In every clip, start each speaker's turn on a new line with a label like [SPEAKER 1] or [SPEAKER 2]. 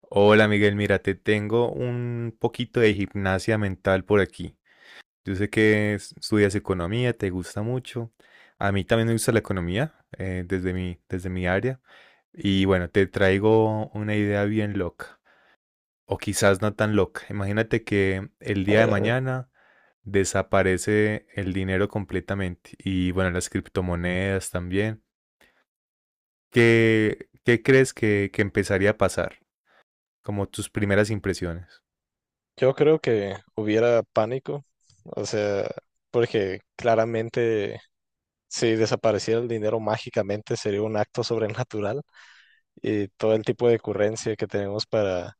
[SPEAKER 1] Hola Miguel, mira, te tengo un poquito de gimnasia mental por aquí. Yo sé que estudias economía, te gusta mucho. A mí también me gusta la economía, desde mi área. Y bueno, te traigo una idea bien loca, o quizás no tan loca. Imagínate que el
[SPEAKER 2] A
[SPEAKER 1] día de
[SPEAKER 2] ver, a ver.
[SPEAKER 1] mañana desaparece el dinero completamente y bueno, las criptomonedas también. ¿Qué crees que empezaría a pasar? Como tus primeras impresiones.
[SPEAKER 2] Yo creo que hubiera pánico, o sea, porque claramente si desapareciera el dinero mágicamente sería un acto sobrenatural y todo el tipo de currencia que tenemos para,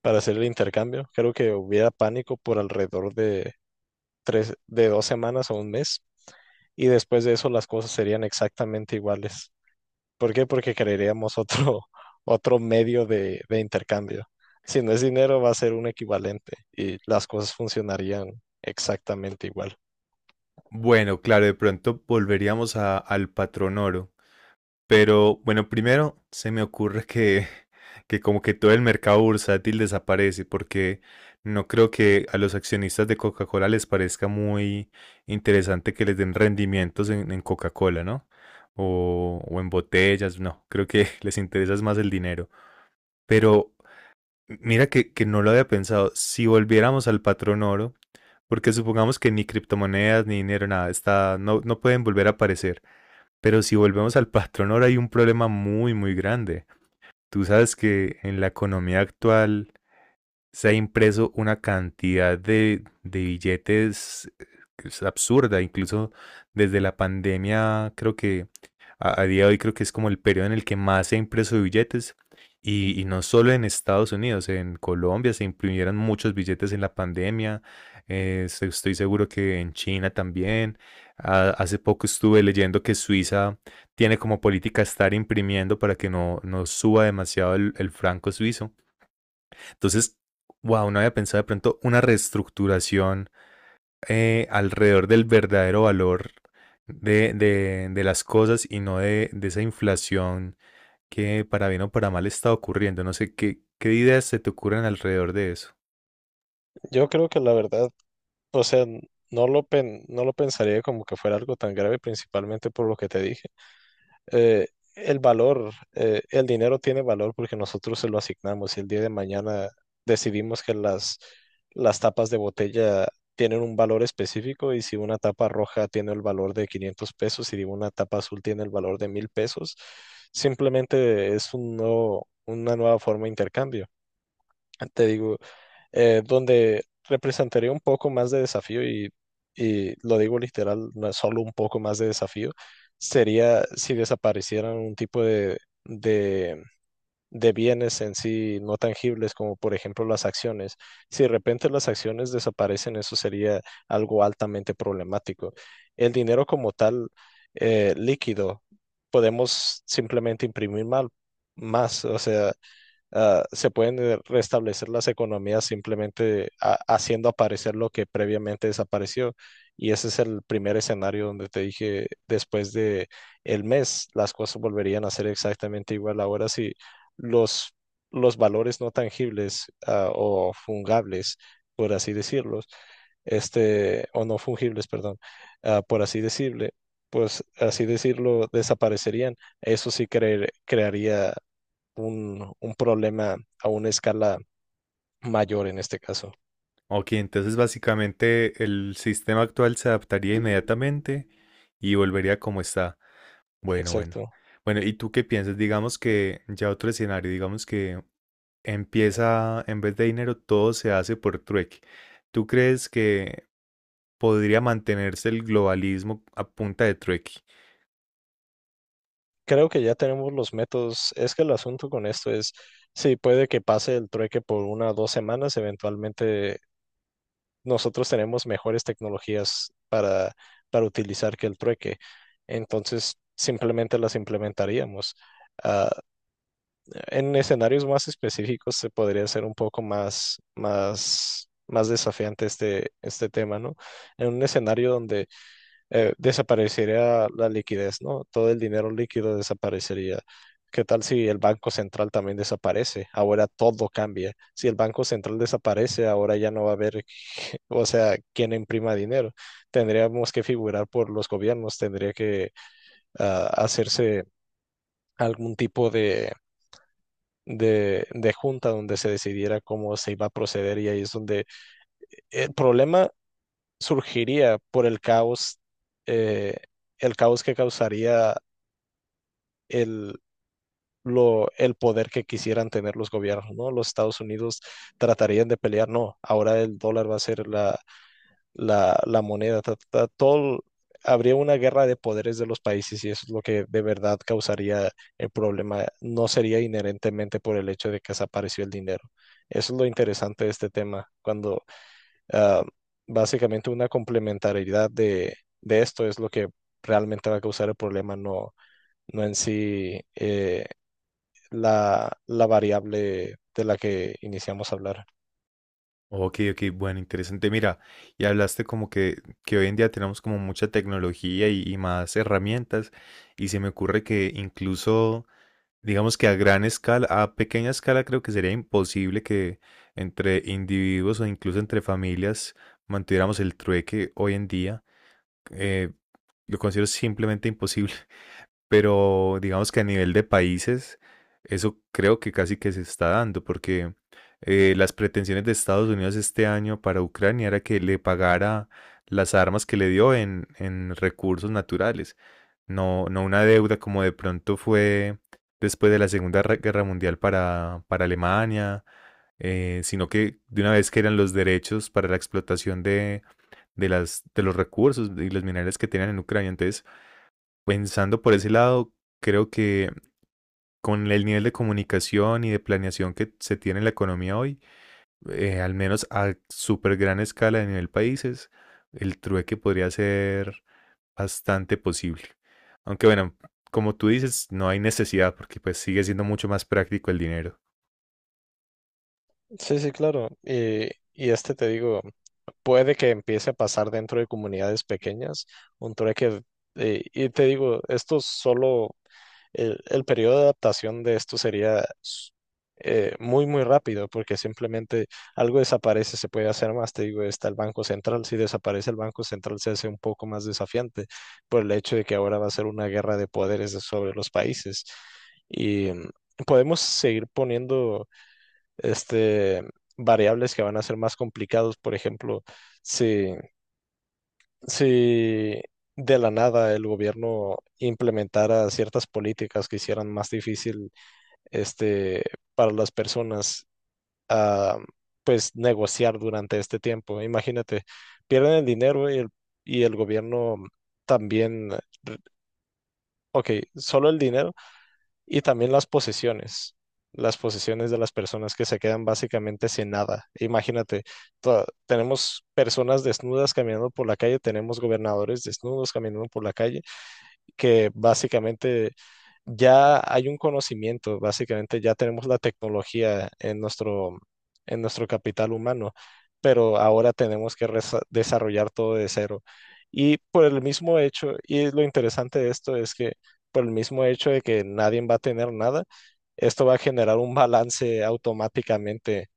[SPEAKER 2] para hacer el intercambio. Creo que hubiera pánico por alrededor de 2 semanas o un mes y después de eso las cosas serían exactamente iguales. ¿Por qué? Porque crearíamos otro, otro medio de intercambio. Si no es dinero, va a ser un equivalente y las cosas funcionarían exactamente igual.
[SPEAKER 1] Bueno, claro, de pronto volveríamos al patrón oro. Pero bueno, primero se me ocurre que como que todo el mercado bursátil desaparece, porque no creo que a los accionistas de Coca-Cola les parezca muy interesante que les den rendimientos en Coca-Cola, ¿no? O en botellas, no, creo que les interesa es más el dinero. Pero mira que no lo había pensado, si volviéramos al patrón oro porque supongamos que ni criptomonedas, ni dinero, nada, está, no, no pueden volver a aparecer. Pero si volvemos al patrón, ahora hay un problema muy, muy grande. Tú sabes que en la economía actual se ha impreso una cantidad de billetes que es absurda. Incluso desde la pandemia creo que a día de hoy creo que es como el periodo en el que más se ha impreso billetes. Y no solo en Estados Unidos, en Colombia se imprimieron muchos billetes en la pandemia. Estoy seguro que en China también. Ah, hace poco estuve leyendo que Suiza tiene como política estar imprimiendo para que no suba demasiado el franco suizo. Entonces, wow, no había pensado de pronto una reestructuración alrededor del verdadero valor de las cosas y no de esa inflación que para bien o para mal está ocurriendo. No sé qué ideas se te ocurren alrededor de eso.
[SPEAKER 2] Yo creo que la verdad, o sea, no lo pensaría como que fuera algo tan grave, principalmente por lo que te dije. eh, el valor, el dinero tiene valor porque nosotros se lo asignamos y el día de mañana decidimos que las tapas de botella tienen un valor específico y si una tapa roja tiene el valor de 500 pesos y una tapa azul tiene el valor de 1.000 pesos, simplemente es una nueva forma de intercambio. Te digo, donde representaría un poco más de desafío y lo digo literal, no es solo un poco más de desafío, sería si desaparecieran un tipo de, de bienes en sí no tangibles, como por ejemplo las acciones. Si de repente las acciones desaparecen, eso sería algo altamente problemático. El dinero como tal, líquido, podemos simplemente imprimir mal, más, o sea se pueden restablecer las economías simplemente haciendo aparecer lo que previamente desapareció. Y ese es el primer escenario donde te dije, después de el mes, las cosas volverían a ser exactamente igual. Ahora si los, los valores no tangibles ah, o fungibles, por así decirlos, este, o no fungibles, perdón, ah, por así decirle, pues así decirlo, desaparecerían. Eso sí crearía un problema a una escala mayor en este caso.
[SPEAKER 1] Ok, entonces básicamente el sistema actual se adaptaría inmediatamente y volvería como está. Bueno, bueno.
[SPEAKER 2] Exacto.
[SPEAKER 1] Bueno, ¿y tú qué piensas? Digamos que ya otro escenario, digamos que empieza, en vez de dinero, todo se hace por trueque. ¿Tú crees que podría mantenerse el globalismo a punta de trueque?
[SPEAKER 2] Creo que ya tenemos los métodos. Es que el asunto con esto es, sí, puede que pase el trueque por una o 2 semanas, eventualmente nosotros tenemos mejores tecnologías para utilizar que el trueque. Entonces, simplemente las implementaríamos. Ah, en escenarios más específicos se podría hacer un poco más desafiante este tema, ¿no? En un escenario donde desaparecería la liquidez, ¿no? Todo el dinero líquido desaparecería. ¿Qué tal si el Banco Central también desaparece? Ahora todo cambia. Si el Banco Central desaparece, ahora ya no va a haber, que- o sea, quién imprima dinero. Tendríamos que figurar por los gobiernos, tendría que hacerse algún tipo de junta donde se decidiera cómo se iba a proceder y ahí es donde el problema surgiría por eh, el caos que causaría el, el poder que quisieran tener los gobiernos, ¿no? Los Estados Unidos tratarían de pelear, no, ahora el dólar va a ser la moneda, ta, ta, ta, todo, habría una guerra de poderes de los países y eso es lo que de verdad causaría el problema, no sería inherentemente por el hecho de que desapareció el dinero. Eso es lo interesante de este tema, cuando ah, básicamente una complementariedad de esto es lo que realmente va a causar el problema, no, no en sí la variable de la que iniciamos a hablar.
[SPEAKER 1] Ok, ok, bueno, interesante. Mira, y hablaste como que hoy en día tenemos como mucha tecnología y más herramientas, y se me ocurre que incluso, digamos que a gran escala, a pequeña escala, creo que sería imposible que entre individuos o incluso entre familias mantuviéramos el trueque hoy en día. Eh, lo considero simplemente imposible. Pero digamos que a nivel de países, eso creo que casi que se está dando, porque las pretensiones de Estados Unidos este año para Ucrania era que le pagara las armas que le dio en recursos naturales, no una deuda como de pronto fue después de la Guerra Mundial para Alemania, sino que de una vez que eran los derechos para la explotación de los recursos y los minerales que tenían en Ucrania. Entonces, pensando por ese lado, creo que con el nivel de comunicación y de planeación que se tiene en la economía hoy, al menos a súper gran escala a nivel países, el trueque podría ser bastante posible. Aunque bueno, como tú dices, no hay necesidad porque pues sigue siendo mucho más práctico el dinero.
[SPEAKER 2] Sí, sí, claro. Y este te digo, puede que empiece a pasar dentro de comunidades pequeñas, un trueque, y te digo, esto solo, el periodo de adaptación de esto sería muy, muy rápido, porque simplemente algo desaparece, se puede hacer más. Te digo, está el Banco Central. Si desaparece el Banco Central, se hace un poco más desafiante por el hecho de que ahora va a ser una guerra de poderes sobre los países. Y mm, Podemos seguir poniendo este, variables que van a ser más complicados. Por ejemplo, si, si de la nada el gobierno implementara ciertas políticas que hicieran más difícil este, para las personas ah, pues negociar durante este tiempo. Imagínate, pierden el dinero y el gobierno también, ok, solo el dinero y también las posesiones de las personas que se quedan básicamente sin nada. Imagínate, tenemos personas desnudas caminando por la calle, tenemos gobernadores desnudos caminando por la calle que básicamente ya hay un conocimiento, básicamente ya tenemos la tecnología en nuestro capital humano, pero ahora tenemos que desarrollar todo de cero. Y por el mismo hecho, y lo interesante de esto es que por el mismo hecho de que nadie va a tener nada, esto va a generar un balance automáticamente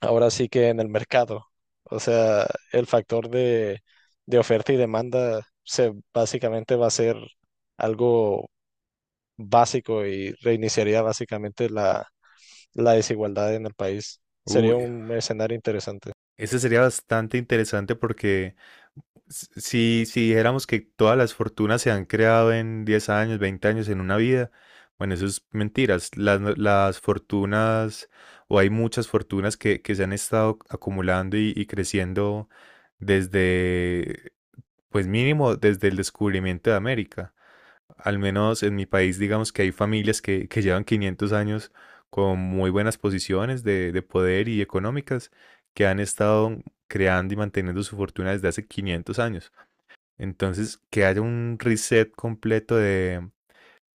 [SPEAKER 2] ahora sí que en el mercado. O sea, el factor de oferta y demanda se básicamente va a ser algo básico y reiniciaría básicamente la desigualdad en el país. Sería
[SPEAKER 1] Uy,
[SPEAKER 2] un escenario interesante.
[SPEAKER 1] ese sería bastante interesante porque si dijéramos que todas las fortunas se han creado en 10 años, 20 años, en una vida, bueno, eso es mentiras. Las, no- Las fortunas, o hay muchas fortunas que se han estado acumulando y creciendo desde, pues mínimo, desde el descubrimiento de América. Al menos en mi país, digamos que hay familias que llevan 500 años con muy buenas posiciones de poder y económicas, que han estado creando y manteniendo su fortuna desde hace 500 años. Entonces, que haya un reset completo de,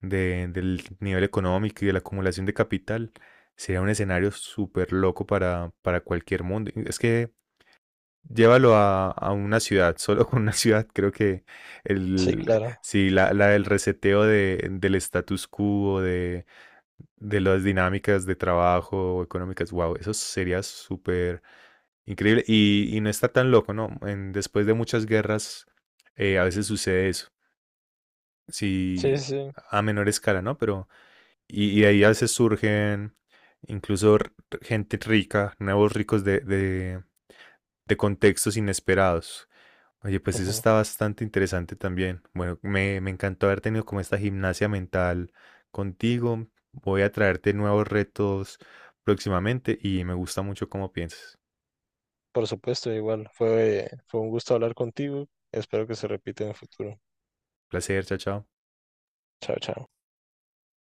[SPEAKER 1] de- del nivel económico y de la acumulación de capital sería un escenario súper loco para cualquier mundo. Es que llévalo a una ciudad, solo con una ciudad, creo que
[SPEAKER 2] Sí, claro.
[SPEAKER 1] la del reseteo del status quo, de las dinámicas de trabajo económicas, wow, eso sería súper increíble y no está tan loco, ¿no? Después de muchas guerras, a veces sucede eso sí,
[SPEAKER 2] Sí, sí.
[SPEAKER 1] a menor escala, ¿no? Pero, y de ahí a veces surgen incluso gente rica, nuevos ricos de contextos inesperados. Oye, pues eso
[SPEAKER 2] Ujú.
[SPEAKER 1] está bastante interesante también. Bueno, me encantó haber tenido como esta gimnasia mental contigo. Voy a traerte nuevos retos próximamente y me gusta mucho cómo piensas.
[SPEAKER 2] Por supuesto, igual. Fue un gusto hablar contigo. Espero que se repita en el futuro.
[SPEAKER 1] Placer, chao, chao.
[SPEAKER 2] Chao, chao.